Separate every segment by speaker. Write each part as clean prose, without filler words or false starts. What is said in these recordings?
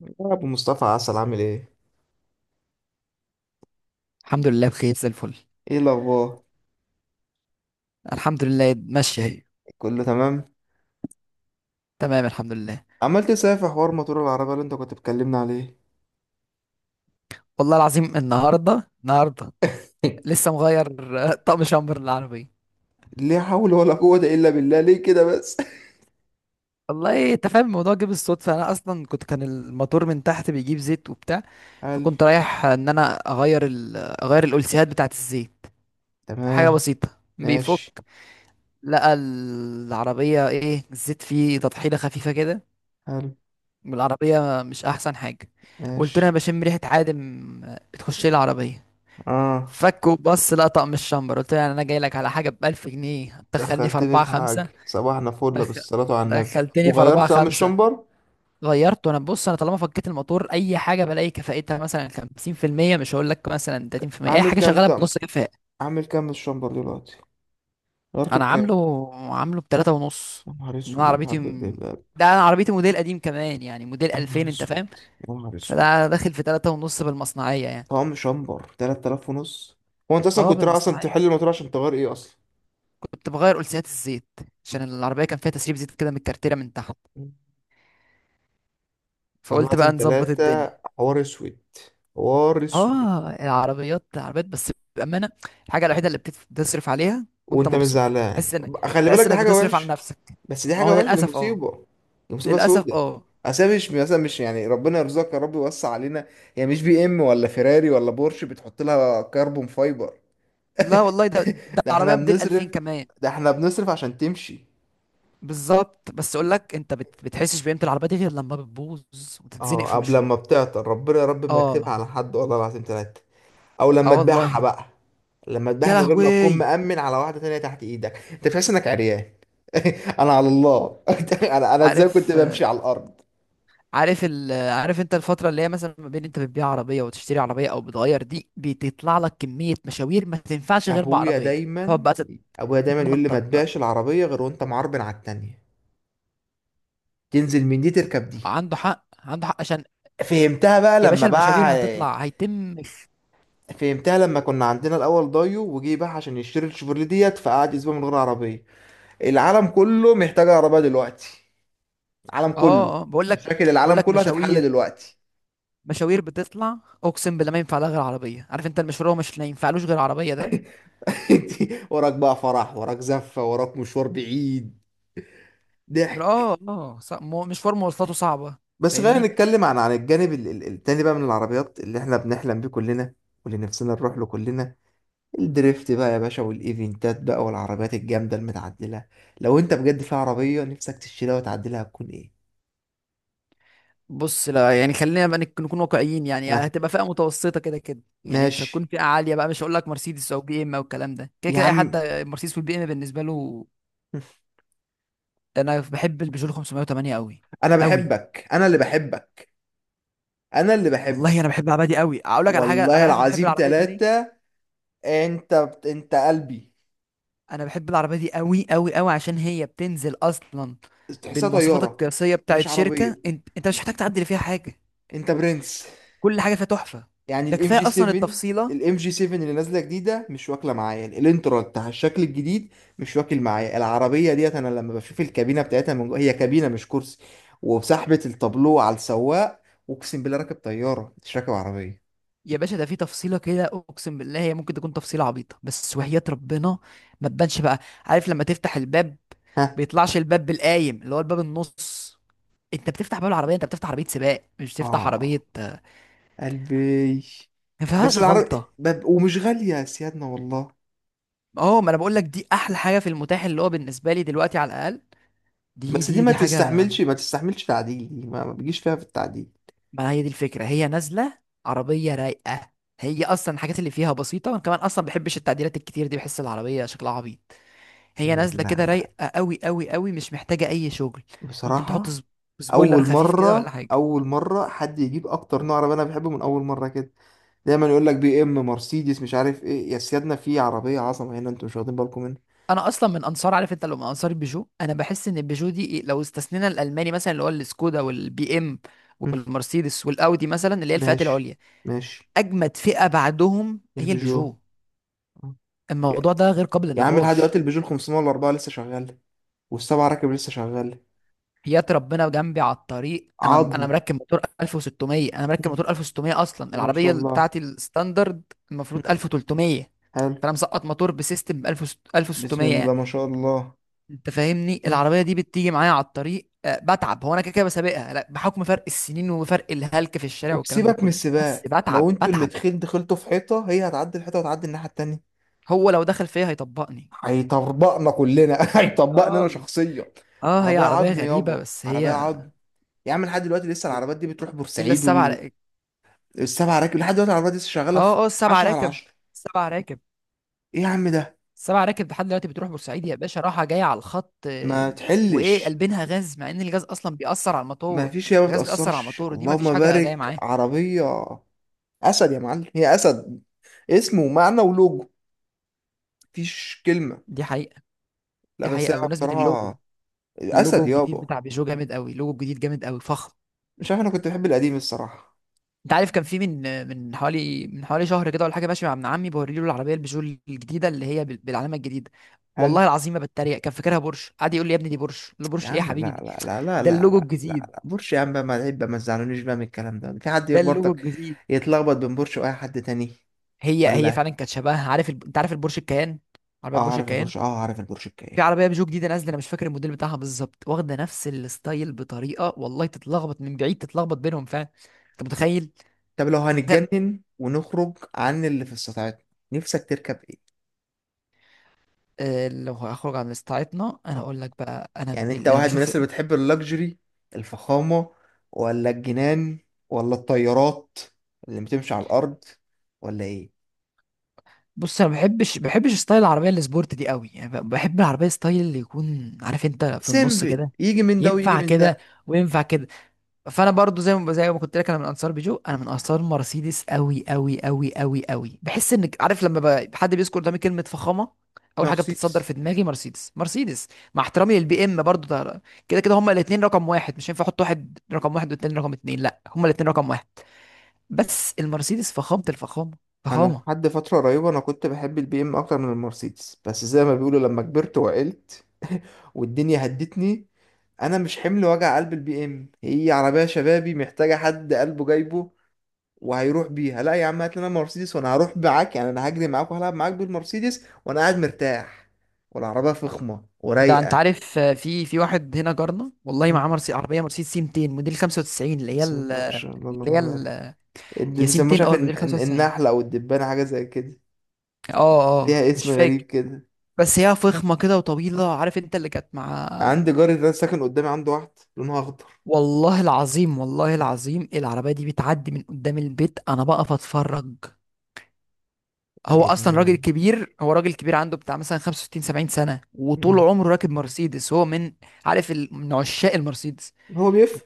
Speaker 1: يا ابو مصطفى عسل، عامل ايه؟
Speaker 2: الحمد لله بخير زي الفل.
Speaker 1: ايه الاخبار؟
Speaker 2: الحمد لله ماشية اهي.
Speaker 1: كله تمام.
Speaker 2: تمام الحمد لله.
Speaker 1: عمال تسافر في حوار موتور العربيه اللي انت كنت بتكلمنا عليه.
Speaker 2: والله العظيم النهاردة النهاردة. لسه مغير طقم شامبر للعربية.
Speaker 1: ليه؟ حول ولا قوه الا بالله، ليه كده بس؟
Speaker 2: والله انت فاهم الموضوع جه بالصدفة، انا اصلا كان الموتور من تحت بيجيب زيت وبتاع.
Speaker 1: حلو.
Speaker 2: فكنت رايح ان انا اغير الالسيهات بتاعة الزيت، حاجة
Speaker 1: تمام.
Speaker 2: بسيطة. بيفك،
Speaker 1: ماشي.
Speaker 2: لقى العربية ايه الزيت فيه تطحينة خفيفة كده،
Speaker 1: حلو.
Speaker 2: والعربية مش احسن حاجة. قلت له
Speaker 1: ماشي.
Speaker 2: انا بشم ريحة عادم، بتخش لي العربية.
Speaker 1: اه،
Speaker 2: فك وبص لقطع من الشمبر، قلت له يعني انا جاي لك على حاجه ب 1000 جنيه دخلني في
Speaker 1: دخلتني
Speaker 2: 4
Speaker 1: في
Speaker 2: 5.
Speaker 1: حاجه، صباحنا فل
Speaker 2: دخل...
Speaker 1: بالصلاه على النبي.
Speaker 2: دخلتني في 4
Speaker 1: وغيرت طقم
Speaker 2: 5.
Speaker 1: الشمبر؟
Speaker 2: غيرته. انا بص، انا طالما فكيت الموتور اي حاجه بلاقي كفاءتها مثلا 50%، مش هقول لك مثلا 30%، اي
Speaker 1: عامل
Speaker 2: حاجه
Speaker 1: كام
Speaker 2: شغاله
Speaker 1: طقم؟
Speaker 2: بنص كفاءه.
Speaker 1: عامل كام الشمبر دلوقتي؟ غيرته
Speaker 2: انا
Speaker 1: بكام؟
Speaker 2: عامله ب 3 ونص.
Speaker 1: يا نهار
Speaker 2: إن انا
Speaker 1: اسود يا نهار
Speaker 2: عربيتي م...
Speaker 1: أبيض، يا
Speaker 2: ده انا عربيتي موديل قديم كمان، يعني موديل
Speaker 1: نهار
Speaker 2: 2000، انت
Speaker 1: اسود،
Speaker 2: فاهم.
Speaker 1: يا نهار اسود.
Speaker 2: فده داخل في 3 ونص بالمصنعيه يعني.
Speaker 1: طعم شمبر 3,000 ونص؟ هو انت اصلا
Speaker 2: اه
Speaker 1: كنت رايح اصلا
Speaker 2: بالمصنعيه.
Speaker 1: تحل الموضوع عشان تغير ايه اصلا؟
Speaker 2: كنت بغير قلسيات الزيت عشان العربيه كان فيها تسريب زيت كده من الكارتيره من تحت،
Speaker 1: والله
Speaker 2: فقلت
Speaker 1: لازم
Speaker 2: بقى نظبط الدنيا.
Speaker 1: ثلاثة. حوار اسود. حوار اسود.
Speaker 2: اه العربيات عربيات بس بامانه. الحاجه الوحيده اللي بتصرف عليها وانت
Speaker 1: وانت مش
Speaker 2: مبسوط،
Speaker 1: زعلان؟
Speaker 2: تحس انك
Speaker 1: خلي بالك دي حاجة
Speaker 2: بتصرف على
Speaker 1: وحشة.
Speaker 2: نفسك.
Speaker 1: بس دي
Speaker 2: ما هو
Speaker 1: حاجة وحشة، دي
Speaker 2: للاسف اه.
Speaker 1: مصيبة. دي مصيبة
Speaker 2: للاسف
Speaker 1: سودة.
Speaker 2: اه.
Speaker 1: أصل مش مثلا، مش يعني، ربنا يرزقك يا رب، يوسع علينا. هي مش بي ام ولا فيراري ولا بورش بتحط لها كربون فايبر.
Speaker 2: لا والله ده
Speaker 1: ده احنا
Speaker 2: عربيه موديل
Speaker 1: بنصرف،
Speaker 2: 2000 كمان.
Speaker 1: ده احنا بنصرف عشان تمشي.
Speaker 2: بالظبط. بس اقول لك، انت بتحسش بقيمه العربيه دي غير لما بتبوظ وتتزنق
Speaker 1: اه،
Speaker 2: في
Speaker 1: قبل ما
Speaker 2: مشوار.
Speaker 1: بتعطل ربنا يا رب ما يكتبها
Speaker 2: اه
Speaker 1: على حد، والله العظيم ثلاثة. او
Speaker 2: اه
Speaker 1: لما تبيعها
Speaker 2: والله.
Speaker 1: بقى. لما تبيعها
Speaker 2: يا
Speaker 1: من غير ما تكون
Speaker 2: لهوي.
Speaker 1: مأمن على واحدة تانية تحت ايدك، انت تحس انك عريان. انا على الله. انا ازاي كنت
Speaker 2: عارف
Speaker 1: بمشي على الارض؟
Speaker 2: عارف انت الفترة اللي هي مثلا ما بين انت بتبيع عربية وتشتري عربية او بتغير دي، بتطلع لك كمية مشاوير ما تنفعش غير
Speaker 1: ابويا
Speaker 2: بعربية. تقعد
Speaker 1: دايما،
Speaker 2: بقى
Speaker 1: ابويا دايما يقول لي ما
Speaker 2: تتنطط بقى.
Speaker 1: تبيعش العربية غير وانت معربن على التانية. تنزل من دي تركب دي.
Speaker 2: عنده حق عنده حق، عشان
Speaker 1: فهمتها بقى
Speaker 2: يا
Speaker 1: لما
Speaker 2: باشا المشاوير
Speaker 1: باع.
Speaker 2: هتطلع هيتم.
Speaker 1: فهمتها لما كنا عندنا الاول دايو وجي، باع عشان يشتري الشيفروليه ديت، فقعد اسبوع من غير عربية. العالم كله محتاج عربية دلوقتي. العالم كله.
Speaker 2: اه اه بقول لك
Speaker 1: مشاكل
Speaker 2: بقول
Speaker 1: العالم
Speaker 2: لك
Speaker 1: كله هتتحل
Speaker 2: مشاوير.
Speaker 1: دلوقتي.
Speaker 2: مشاوير بتطلع. اقسم بالله ما ينفع لها غير عربية، عارف انت المشوار هو مش ما ينفعلوش غير عربية ده.
Speaker 1: وراك بقى فرح، وراك زفة، وراك مشوار بعيد. ضحك.
Speaker 2: اه اه مشوار مواصلاته صعبة.
Speaker 1: بس خلينا
Speaker 2: فاهمني.
Speaker 1: نتكلم عن الجانب التاني بقى من العربيات اللي احنا بنحلم بيه كلنا، واللي نفسنا نروح له كلنا. الدريفت بقى يا باشا، والايفنتات بقى، والعربيات الجامدة المتعدلة. لو انت بجد في عربية نفسك تشتريها وتعدلها، هتكون ايه؟
Speaker 2: بص لا يعني خلينا بقى نكون واقعيين، يعني
Speaker 1: ها.
Speaker 2: هتبقى فئه متوسطه كده كده، يعني مش
Speaker 1: ماشي.
Speaker 2: هتكون فئه عاليه بقى، مش هقول لك مرسيدس او بي ام او الكلام ده، كده
Speaker 1: يا
Speaker 2: كده اي حد.
Speaker 1: عم.
Speaker 2: مرسيدس والبي ام بالنسبه له. انا بحب البيجو 508 قوي.
Speaker 1: انا
Speaker 2: قوي.
Speaker 1: بحبك، انا اللي بحبك. انا اللي بحبك.
Speaker 2: والله انا بحب العربيه دي قوي، اقول لك على حاجه، انا
Speaker 1: والله
Speaker 2: عارف أنا بحب
Speaker 1: العظيم
Speaker 2: العربيه دي ليه.
Speaker 1: ثلاثة. انت، انت قلبي.
Speaker 2: انا بحب العربيه دي قوي قوي قوي عشان هي بتنزل اصلا
Speaker 1: تحسها
Speaker 2: بالمواصفات
Speaker 1: طيارة،
Speaker 2: القياسيه
Speaker 1: مش
Speaker 2: بتاعت شركه،
Speaker 1: عربية.
Speaker 2: انت مش محتاج تعدل فيها حاجه.
Speaker 1: انت برنس.
Speaker 2: كل حاجه فيها تحفه.
Speaker 1: يعني
Speaker 2: ده
Speaker 1: الام جي
Speaker 2: كفايه اصلا
Speaker 1: 7،
Speaker 2: التفصيله.
Speaker 1: الام جي 7 اللي نازله جديده مش واكله معايا الانترا بتاع الشكل الجديد. مش واكل معايا العربيه ديت. انا لما بشوف الكابينه بتاعتها من جوه، هي كابينه مش كرسي. وسحبه التابلو على السواق. اقسم بالله راكب طياره مش راكب عربيه.
Speaker 2: يا باشا ده في تفصيله كده، اقسم بالله هي ممكن تكون تفصيله عبيطه بس وحياة ربنا ما تبانش بقى. عارف لما تفتح الباب
Speaker 1: ها.
Speaker 2: بيطلعش الباب بالقايم اللي هو الباب النص. انت بتفتح باب العربيه، انت بتفتح عربيه سباق مش بتفتح
Speaker 1: اه.
Speaker 2: عربيه.
Speaker 1: قلبي.
Speaker 2: ما فيهاش
Speaker 1: بس العرب،
Speaker 2: غلطه.
Speaker 1: ومش غاليه يا سيادنا والله.
Speaker 2: اه ما انا بقول لك دي احلى حاجه في المتاح، اللي هو بالنسبه لي دلوقتي على الاقل. دي
Speaker 1: بس دي
Speaker 2: دي
Speaker 1: ما
Speaker 2: دي حاجه.
Speaker 1: تستحملش، ما تستحملش تعديل. دي ما بيجيش فيها في التعديل.
Speaker 2: ما هي دي الفكره، هي نازله عربيه رايقه. هي اصلا الحاجات اللي فيها بسيطه، وانا كمان اصلا ما بحبش التعديلات الكتير دي، بحس العربيه شكلها عبيط. هي نازله
Speaker 1: لا.
Speaker 2: كده
Speaker 1: لا.
Speaker 2: رايقه قوي قوي قوي، مش محتاجه اي شغل. ممكن تحط
Speaker 1: بصراحه.
Speaker 2: سبويلر
Speaker 1: اول
Speaker 2: خفيف كده ولا
Speaker 1: مره،
Speaker 2: حاجه.
Speaker 1: اول مره حد يجيب اكتر نوع عربيه انا بحبه من اول مره كده. دايما يقول لك بي ام، مرسيدس، مش عارف ايه، يا سيادنا في عربيه عظمه هنا انتوا مش واخدين بالكم منها.
Speaker 2: انا اصلا من انصار، عارف انت، لو من انصار البيجو انا بحس ان البيجو دي لو استثنينا الالماني مثلا اللي هو السكودا والبي ام
Speaker 1: هم،
Speaker 2: والمرسيدس والاودي مثلا، اللي هي الفئات
Speaker 1: ماشي.
Speaker 2: العليا،
Speaker 1: ماشي.
Speaker 2: اجمد فئه بعدهم هي
Speaker 1: البيجو.
Speaker 2: البيجو.
Speaker 1: آه.
Speaker 2: الموضوع
Speaker 1: يا
Speaker 2: ده غير قابل
Speaker 1: يا عم لحد
Speaker 2: للنقاش.
Speaker 1: دلوقتي البيجو ال 504 لسه شغال. والسبعه راكب لسه شغال.
Speaker 2: حياة ربنا جنبي على الطريق، انا
Speaker 1: عظم.
Speaker 2: مركب موتور 1600. انا
Speaker 1: هم،
Speaker 2: مركب موتور 1600 اصلا
Speaker 1: ما شاء
Speaker 2: العربيه
Speaker 1: الله.
Speaker 2: بتاعتي الستاندرد
Speaker 1: هم،
Speaker 2: المفروض 1300.
Speaker 1: حلو.
Speaker 2: فانا مسقط موتور بسيستم 1000
Speaker 1: بسم
Speaker 2: 1600 يعني،
Speaker 1: الله ما شاء الله.
Speaker 2: انت فاهمني.
Speaker 1: هم.
Speaker 2: العربيه دي بتيجي معايا على الطريق، بتعب. هو انا كده كده بسابقها، لا بحكم فرق السنين وفرق الهلك في الشارع والكلام ده
Speaker 1: وبسيبك من
Speaker 2: كله، بس
Speaker 1: السباق، لو
Speaker 2: بتعب
Speaker 1: انتوا اللي
Speaker 2: بتعب.
Speaker 1: دخلتوا، دخلتوا في حيطه هي هتعدي الحيطه وتعدي الناحيه التانيه.
Speaker 2: هو لو دخل فيا هيطبقني.
Speaker 1: هيطبقنا كلنا. هيطبقنا
Speaker 2: اه
Speaker 1: انا شخصيا.
Speaker 2: اه، هي
Speaker 1: عربيه
Speaker 2: عربيه
Speaker 1: عظم
Speaker 2: غريبه
Speaker 1: يابا،
Speaker 2: بس
Speaker 1: عربيه
Speaker 2: هي.
Speaker 1: عظم. يا عم لحد دلوقتي لسه العربيات دي بتروح
Speaker 2: الا
Speaker 1: بورسعيد.
Speaker 2: السبعه راكب.
Speaker 1: والسبع راكب لحد دلوقتي العربيات دي لسه شغاله في
Speaker 2: اه اه السبعه
Speaker 1: 10 على
Speaker 2: راكب.
Speaker 1: 10.
Speaker 2: السبعه راكب.
Speaker 1: ايه يا عم ده؟
Speaker 2: سبع راكب لحد دلوقتي بتروح بورسعيد يا باشا، راحة جاية على الخط.
Speaker 1: ما
Speaker 2: وإيه
Speaker 1: تحلش.
Speaker 2: قلبينها غاز مع إن الغاز أصلا بيأثر على
Speaker 1: ما
Speaker 2: الموتور.
Speaker 1: فيش، هي ما
Speaker 2: الغاز بيأثر على
Speaker 1: بتاثرش
Speaker 2: الموتور، دي مفيش
Speaker 1: اللهم
Speaker 2: حاجة جاية
Speaker 1: بارك.
Speaker 2: معاه.
Speaker 1: عربيه اسد يا معلم، هي اسد. اسم ومعنى ولوجو. مفيش كلمه.
Speaker 2: دي حقيقة.
Speaker 1: لا
Speaker 2: دي
Speaker 1: بس هي
Speaker 2: حقيقة بمناسبة اللوجو.
Speaker 1: بصراحه.
Speaker 2: اللوجو
Speaker 1: اسد
Speaker 2: الجديد
Speaker 1: يابا.
Speaker 2: بتاع بيجو جامد قوي، اللوجو الجديد جامد قوي فخم.
Speaker 1: مش عارف، انا كنت بحب القديم الصراحه.
Speaker 2: أنت عارف كان في من، من حوالي شهر كده ولا حاجة، ماشي مع ابن عمي بوريله العربية البيجو الجديدة اللي هي بالعلامة الجديدة. والله
Speaker 1: هل،
Speaker 2: العظيم ما بتريق، كان فاكرها بورش، قعد يقول لي يا ابني دي بورش، قلت له
Speaker 1: يا
Speaker 2: بورش ايه يا
Speaker 1: عم لا
Speaker 2: حبيبي دي؟
Speaker 1: لا لا لا لا
Speaker 2: ده
Speaker 1: لا
Speaker 2: اللوجو
Speaker 1: لا
Speaker 2: الجديد.
Speaker 1: لا بورش يا عم بقى ما عيب بقى، ما تزعلونيش بقى من الكلام ده. في حد
Speaker 2: ده اللوجو
Speaker 1: يخبطك
Speaker 2: الجديد.
Speaker 1: يتلخبط بين بورش واي حد تاني؟
Speaker 2: هي
Speaker 1: ولا.
Speaker 2: فعلا كانت شبهها، عارف انت عارف البورش الكيان، عربيه
Speaker 1: اه
Speaker 2: بورش
Speaker 1: عارف
Speaker 2: الكيان.
Speaker 1: البورش، اه عارف البورش
Speaker 2: في
Speaker 1: الكاية.
Speaker 2: عربيه بيجو جديده نازله انا مش فاكر الموديل بتاعها بالظبط، واخده نفس الستايل بطريقه والله تتلخبط من بعيد، تتلخبط بينهم فعلا. انت متخيل.
Speaker 1: طب لو
Speaker 2: تخيل.
Speaker 1: هنتجنن ونخرج عن اللي في استطاعتنا، نفسك تركب ايه؟
Speaker 2: لو هخرج عن استعيطنا انا
Speaker 1: اه.
Speaker 2: اقول لك بقى انا
Speaker 1: يعني انت
Speaker 2: اللي انا
Speaker 1: واحد من
Speaker 2: بشوف.
Speaker 1: الناس اللي بتحب اللكجري، الفخامة، ولا الجنان، ولا الطيارات اللي بتمشي على الارض، ولا ايه؟
Speaker 2: بص انا ما بحبش ستايل العربيه السبورت دي قوي، يعني بحب العربيه ستايل اللي يكون، عارف انت، في النص
Speaker 1: سيمبل
Speaker 2: كده،
Speaker 1: يجي من ده ويجي
Speaker 2: ينفع
Speaker 1: من
Speaker 2: كده
Speaker 1: ده.
Speaker 2: وينفع كده. فانا برضو زي ما كنت لك، انا من انصار بيجو، انا من انصار مرسيدس قوي قوي قوي قوي قوي. بحس انك، عارف لما حد بيذكر قدامي كلمه فخامه، اول حاجه بتتصدر
Speaker 1: مرسيدس.
Speaker 2: في دماغي مرسيدس. مرسيدس، مع احترامي للبي ام برضو ده، كده كده هما الاثنين رقم واحد، مش هينفع احط واحد رقم واحد والتاني رقم اتنين، لا هما الاثنين رقم واحد. بس المرسيدس فخامه الفخامه.
Speaker 1: انا
Speaker 2: فخامه.
Speaker 1: لحد فتره قريبه انا كنت بحب البي ام اكتر من المرسيدس، بس زي ما بيقولوا لما كبرت وعقلت. والدنيا هدتني. انا مش حمل وجع قلب البي ام، هي عربيه شبابي محتاجه حد قلبه جايبه وهيروح بيها. لا يا عم هات لنا مرسيدس وانا هروح معاك، يعني انا هجري معاك وهلعب معاك بالمرسيدس وانا قاعد مرتاح. والعربيه فخمه
Speaker 2: ده انت
Speaker 1: ورايقه.
Speaker 2: عارف، في واحد هنا جارنا والله
Speaker 1: مم.
Speaker 2: معاه عربيه مرسيدس سي 200 موديل 95 اللي هي
Speaker 1: بسم الله ما شاء الله
Speaker 2: اللي
Speaker 1: اللهم
Speaker 2: هي
Speaker 1: بارك. اللي
Speaker 2: هي سي
Speaker 1: بيسموه مش
Speaker 2: 200،
Speaker 1: عارف،
Speaker 2: اه الموديل 95.
Speaker 1: النحله او الدبانه حاجه زي كده.
Speaker 2: اه
Speaker 1: ليها
Speaker 2: اه
Speaker 1: اسم
Speaker 2: مش
Speaker 1: غريب
Speaker 2: فاكر.
Speaker 1: كده.
Speaker 2: بس هي فخمة كده وطويلة، عارف انت اللي كانت مع.
Speaker 1: عندي جاري ده ساكن قدامي عنده واحد. لونها اخضر.
Speaker 2: والله العظيم والله العظيم العربية دي بتعدي من قدام البيت، انا بقف اتفرج.
Speaker 1: ده
Speaker 2: هو اصلا
Speaker 1: ادمان.
Speaker 2: راجل كبير، هو راجل كبير عنده بتاع مثلا 65 70 سنة وطول
Speaker 1: مم.
Speaker 2: عمره راكب مرسيدس، هو من من عشاق المرسيدس.
Speaker 1: هو بيفهم.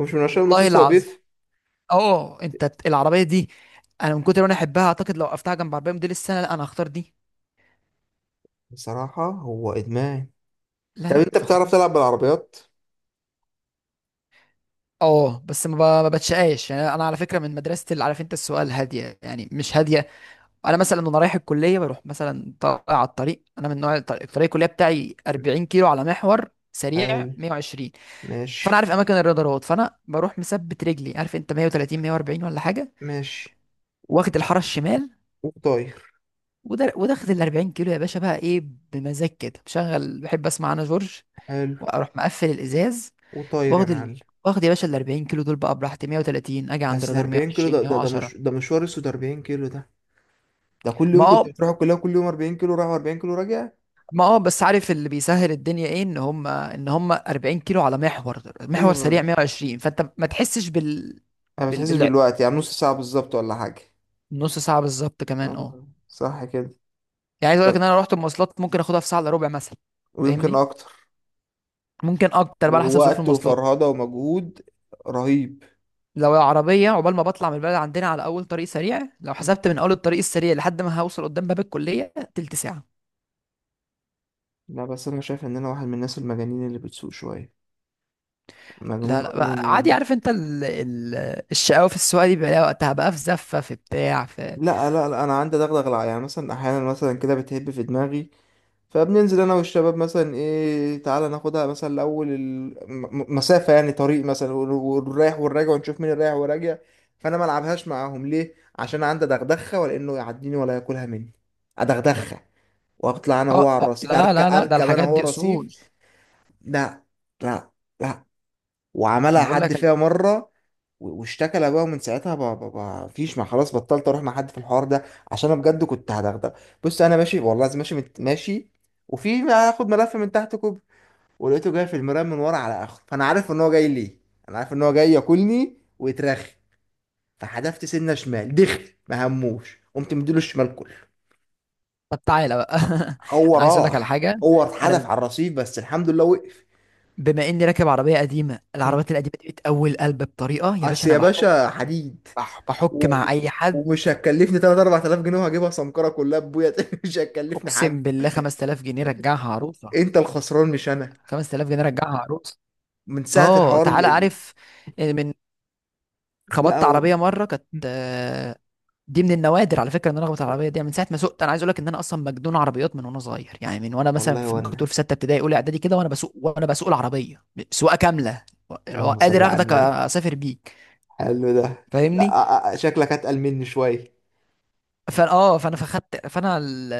Speaker 1: هو مش من عشان
Speaker 2: والله
Speaker 1: المصروف، هو
Speaker 2: العظيم.
Speaker 1: بيفهم.
Speaker 2: اه انت العربية دي انا من كتر ما انا احبها اعتقد لو وقفتها جنب عربية موديل السنة لا انا هختار دي.
Speaker 1: بصراحة هو ادمان.
Speaker 2: لا
Speaker 1: طب
Speaker 2: لا
Speaker 1: انت بتعرف
Speaker 2: فخامة.
Speaker 1: تلعب بالعربيات؟
Speaker 2: اه بس ما بتشقاش يعني، انا على فكره من مدرسه اللي، عارف انت السؤال هاديه يعني مش هاديه. انا مثلا وانا رايح الكليه بروح مثلا طالع على الطريق، انا من نوع الطريق الكليه بتاعي
Speaker 1: مم.
Speaker 2: 40 كيلو على محور سريع
Speaker 1: حلو.
Speaker 2: 120، فانا
Speaker 1: ماشي.
Speaker 2: عارف اماكن الرادارات، فانا بروح مثبت رجلي، عارف انت 130 140 ولا حاجه،
Speaker 1: ماشي.
Speaker 2: واخد الحاره الشمال،
Speaker 1: وطاير.
Speaker 2: وده واخد ال 40 كيلو يا باشا بقى ايه، بمزاج كده، بشغل بحب اسمع انا جورج،
Speaker 1: حلو.
Speaker 2: واروح مقفل الازاز.
Speaker 1: وطاير يا
Speaker 2: واخد ال...
Speaker 1: معلم.
Speaker 2: واخد يا باشا ال 40 كيلو دول بقى براحتي 130، اجي عند
Speaker 1: بس ده
Speaker 2: رادار
Speaker 1: 40 كيلو،
Speaker 2: 120
Speaker 1: ده ده
Speaker 2: 110.
Speaker 1: مش ده مشوار اسود، 40 كيلو ده. ده كل
Speaker 2: ما
Speaker 1: يوم كنت
Speaker 2: هو،
Speaker 1: بتروح الكلية، كل يوم 40 كيلو رايح 40 كيلو راجع.
Speaker 2: ما بس، عارف اللي بيسهل الدنيا ايه، ان هم 40 كيلو على محور
Speaker 1: ايوه،
Speaker 2: سريع
Speaker 1: ما
Speaker 2: 120، فانت ما تحسش بال
Speaker 1: ما
Speaker 2: بال
Speaker 1: بتحسش
Speaker 2: بال
Speaker 1: بالوقت يعني، نص ساعة بالظبط ولا حاجة.
Speaker 2: نص ساعه بالظبط كمان اه.
Speaker 1: آه، صح كده.
Speaker 2: يعني عايز اقول
Speaker 1: طب،
Speaker 2: لك ان انا رحت المواصلات ممكن اخدها في ساعه الا ربع مثلا.
Speaker 1: ويمكن
Speaker 2: فاهمني.
Speaker 1: اكتر.
Speaker 2: ممكن اكتر بقى على حسب ظروف
Speaker 1: ووقت
Speaker 2: المواصلات.
Speaker 1: وفرهدة ومجهود. رهيب.
Speaker 2: لو عربيه، عقبال ما بطلع من البلد عندنا على اول طريق سريع، لو
Speaker 1: م.
Speaker 2: حسبت من اول الطريق السريع لحد ما هوصل قدام باب الكليه تلت ساعه.
Speaker 1: لا بس أنا شايف إن أنا واحد من الناس المجانين اللي بتسوق شوية. مجنون
Speaker 2: لا لا
Speaker 1: مجنون
Speaker 2: بقى عادي،
Speaker 1: يعني.
Speaker 2: عارف انت الشقاوه في السواقه دي بيبقى لها وقتها بقى، في زفه في بتاع في.
Speaker 1: لا أنا عندي دغدغة، يعني مثلا أحيانا مثلا كده بتهب في دماغي. فبننزل أنا والشباب مثلا، إيه تعالى ناخدها مثلا لأول المسافة، يعني طريق مثلا والرايح والراجع ونشوف مين الرايح والراجع. فأنا ما ألعبهاش معاهم ليه؟ عشان عندي دغدغة، ولأنه يعديني ولا ياكلها مني. أدغدغها، وأطلع أنا هو
Speaker 2: اه،
Speaker 1: على الرصيف،
Speaker 2: لا
Speaker 1: أركب
Speaker 2: لا لا ده
Speaker 1: أركب أنا
Speaker 2: الحاجات
Speaker 1: هو
Speaker 2: دي
Speaker 1: رصيف.
Speaker 2: اصول.
Speaker 1: لا لا لا وعملها
Speaker 2: انا بقول
Speaker 1: حد
Speaker 2: لك.
Speaker 1: فيها مرة، واشتكى لابوها. من ساعتها ما فيش، ما خلاص، بطلت اروح مع حد في الحوار ده، عشان انا بجد كنت هدغدغ. بص انا ماشي والله لازم ماشي ماشي، وفي هاخد ملف من تحت كوب. ولقيته جاي في المرايه من ورا على اخره، فانا عارف ان هو جاي ليه. انا عارف ان هو جاي ياكلني ويترخي. فحدفت سنه شمال، دخل ما هموش، قمت مديله الشمال كله.
Speaker 2: طب تعالى بقى.
Speaker 1: هو
Speaker 2: انا عايز اقول لك على
Speaker 1: راح.
Speaker 2: حاجه.
Speaker 1: هو
Speaker 2: انا
Speaker 1: اتحدف
Speaker 2: ب-
Speaker 1: على الرصيف بس الحمد لله وقف.
Speaker 2: بما اني راكب عربيه قديمه، العربيات القديمه دي بتقوي القلب بطريقه يا باشا،
Speaker 1: اصل
Speaker 2: انا
Speaker 1: يا
Speaker 2: بحك.
Speaker 1: باشا حديد.
Speaker 2: بحك
Speaker 1: و-
Speaker 2: مع اي حد.
Speaker 1: ومش هتكلفني 3 4,000 جنيه وهجيبها سمكرة كلها ببويا. تاني مش هتكلفني حاجة.
Speaker 2: اقسم بالله 5000 جنيه رجعها عروسه.
Speaker 1: انت الخسران مش انا.
Speaker 2: 5000 جنيه رجعها عروسه.
Speaker 1: من ساعة
Speaker 2: اه
Speaker 1: الحوار
Speaker 2: تعالى عارف من.
Speaker 1: لا
Speaker 2: خبطت
Speaker 1: هو أنا.
Speaker 2: عربيه مره، كانت، دي من النوادر على فكره ان انا اخبط على العربيه دي، يعني من ساعه ما سوقت. انا عايز اقول لك ان انا اصلا مجنون عربيات من وانا صغير، يعني من وانا مثلا
Speaker 1: والله
Speaker 2: في، ممكن تقول
Speaker 1: وانا.
Speaker 2: في سته ابتدائي اولى اعدادي كده وانا بسوق، وانا بسوق العربيه سواقه كامله. و-
Speaker 1: اللهم صل
Speaker 2: قادر
Speaker 1: على
Speaker 2: اخدك
Speaker 1: النبي.
Speaker 2: اسافر بيك،
Speaker 1: حلو ده. لا
Speaker 2: فاهمني.
Speaker 1: آه، آه، شكلك اتقل مني شوية.
Speaker 2: فا اه فانا فخدت فانا ال...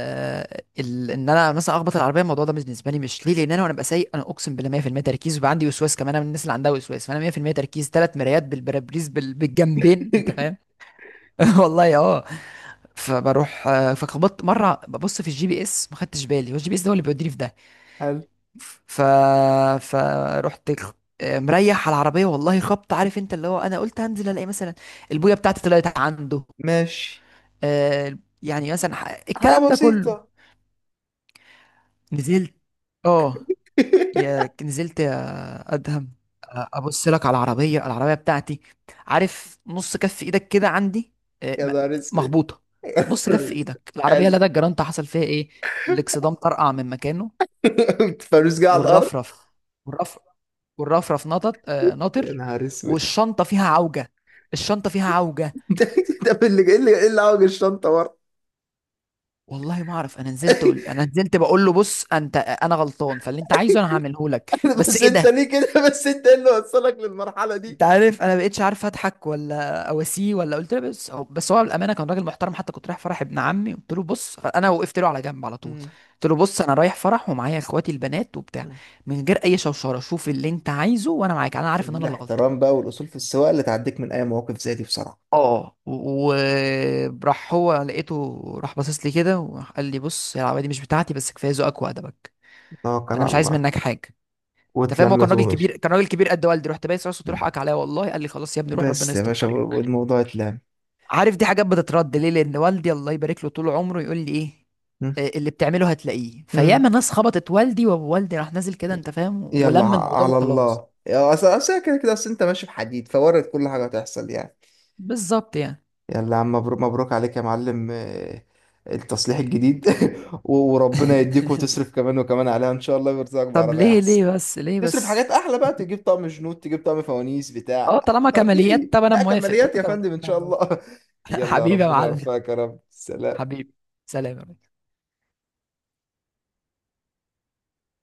Speaker 2: ال... ان انا مثلا اخبط العربيه، الموضوع ده بالنسبه لي مش ليه، لان انا وانا ببقى سايق انا اقسم بالله 100% تركيز، وبيبقى عندي وسواس كمان، انا من الناس اللي عندها وسواس، فانا 100% تركيز، ثلاث مرايات بالبرابريز بالجنبين انت فاهم. والله اه. فبروح، فخبطت مره ببص في الجي بي اس ما خدتش بالي، والجي بي اس ده هو اللي بيوديني في ده.
Speaker 1: حلو.
Speaker 2: ف فرحت خ- مريح على العربيه، والله خبط، عارف انت اللي هو انا قلت هنزل الاقي مثلا البويه بتاعتي طلعت عنده،
Speaker 1: ماشي.
Speaker 2: يعني مثلا
Speaker 1: حاجة
Speaker 2: الكلام ده كله.
Speaker 1: بسيطة.
Speaker 2: نزلت. اه. يا نزلت يا ادهم. ابص لك على العربيه بتاعتي، عارف نص كف ايدك كده عندي. آه،
Speaker 1: يا
Speaker 2: م-
Speaker 1: نهار اسود.
Speaker 2: مخبوطه.
Speaker 1: يا
Speaker 2: نص
Speaker 1: نهار
Speaker 2: كف
Speaker 1: أسود.
Speaker 2: ايدك العربيه
Speaker 1: حلو.
Speaker 2: لدى الجرانت، حصل فيها ايه. الاكسدام طرقع من مكانه.
Speaker 1: فلوس جايه على الارض.
Speaker 2: والرفرف. والرفرف. والرفرف نطط،
Speaker 1: يا
Speaker 2: ناطر.
Speaker 1: نهار اسود.
Speaker 2: والشنطه فيها عوجه. الشنطه فيها عوجه.
Speaker 1: ده اللي ايه، اللي إيه اللي عوج الشنطه ورا؟
Speaker 2: والله ما اعرف. انا نزلت بقول له بص انت انا غلطان، فاللي انت عايزه انا هعمله لك، بس
Speaker 1: بس
Speaker 2: ايه
Speaker 1: انت
Speaker 2: ده.
Speaker 1: ليه كده؟ بس انت ايه اللي وصلك للمرحلة دي؟
Speaker 2: انت عارف انا بقيتش عارف اضحك ولا اواسيه ولا، قلت له بس هو بالامانه كان راجل محترم. حتى كنت رايح فرح ابن عمي، قلت له بص انا وقفت له على جنب على طول،
Speaker 1: مم.
Speaker 2: قلت له بص انا رايح فرح ومعايا اخواتي البنات وبتاع،
Speaker 1: مم.
Speaker 2: من غير اي شوشره شوف اللي انت عايزه وانا معاك، انا عارف ان انا اللي غلطان.
Speaker 1: الاحترام بقى والاصول في السواقه اللي تعديك من اي مواقف زي دي بصراحه.
Speaker 2: اه وراح هو، لقيته راح باصص لي كده وقال لي بص يا العبادي دي مش بتاعتي، بس كفايه ذوقك وادبك،
Speaker 1: توكل
Speaker 2: انا
Speaker 1: على
Speaker 2: مش عايز
Speaker 1: الله.
Speaker 2: منك حاجه. انت فاهم، هو كان
Speaker 1: واتلمت
Speaker 2: راجل
Speaker 1: ومشي.
Speaker 2: كبير، كان راجل كبير قد والدي، رحت بايس راسه،
Speaker 1: مم.
Speaker 2: تروح اك عليا والله، قال لي خلاص يا ابني روح ربنا
Speaker 1: بس يا
Speaker 2: يستر
Speaker 1: باشا
Speaker 2: الطريق.
Speaker 1: والموضوع اتلم.
Speaker 2: عارف دي حاجات بتترد ليه، لان والدي الله يبارك له طول عمره يقول لي ايه،
Speaker 1: مم.
Speaker 2: اللي بتعمله هتلاقيه،
Speaker 1: مم.
Speaker 2: فياما ناس خبطت والدي، ووالدي راح نازل كده انت فاهم،
Speaker 1: يلا
Speaker 2: ولم الموضوع
Speaker 1: على
Speaker 2: وخلاص.
Speaker 1: الله يا اصل، أصل كده كده، اصل انت ماشي في حديد فوارد، كل حاجه هتحصل يعني.
Speaker 2: بالظبط يعني.
Speaker 1: يلا يا عم مبروك، مبروك عليك يا معلم. آه، التصليح الجديد. وربنا يديك وتصرف كمان وكمان عليها ان شاء الله، ويرزقك
Speaker 2: طب
Speaker 1: بعربية
Speaker 2: ليه
Speaker 1: احسن.
Speaker 2: ليه بس ليه
Speaker 1: تصرف
Speaker 2: بس.
Speaker 1: حاجات احلى بقى، تجيب طقم جنود، تجيب طقم فوانيس
Speaker 2: اه
Speaker 1: بتاع.
Speaker 2: طالما كماليات
Speaker 1: ترتيب،
Speaker 2: طب انا
Speaker 1: لا
Speaker 2: موافق،
Speaker 1: كماليات
Speaker 2: طالما
Speaker 1: يا
Speaker 2: كماليات
Speaker 1: فندم ان
Speaker 2: انا
Speaker 1: شاء
Speaker 2: موافق.
Speaker 1: الله. يلا
Speaker 2: حبيبي يا
Speaker 1: ربنا
Speaker 2: معلم.
Speaker 1: يوفقك يا رب، سلام.
Speaker 2: حبيبي. سلام يا ريس.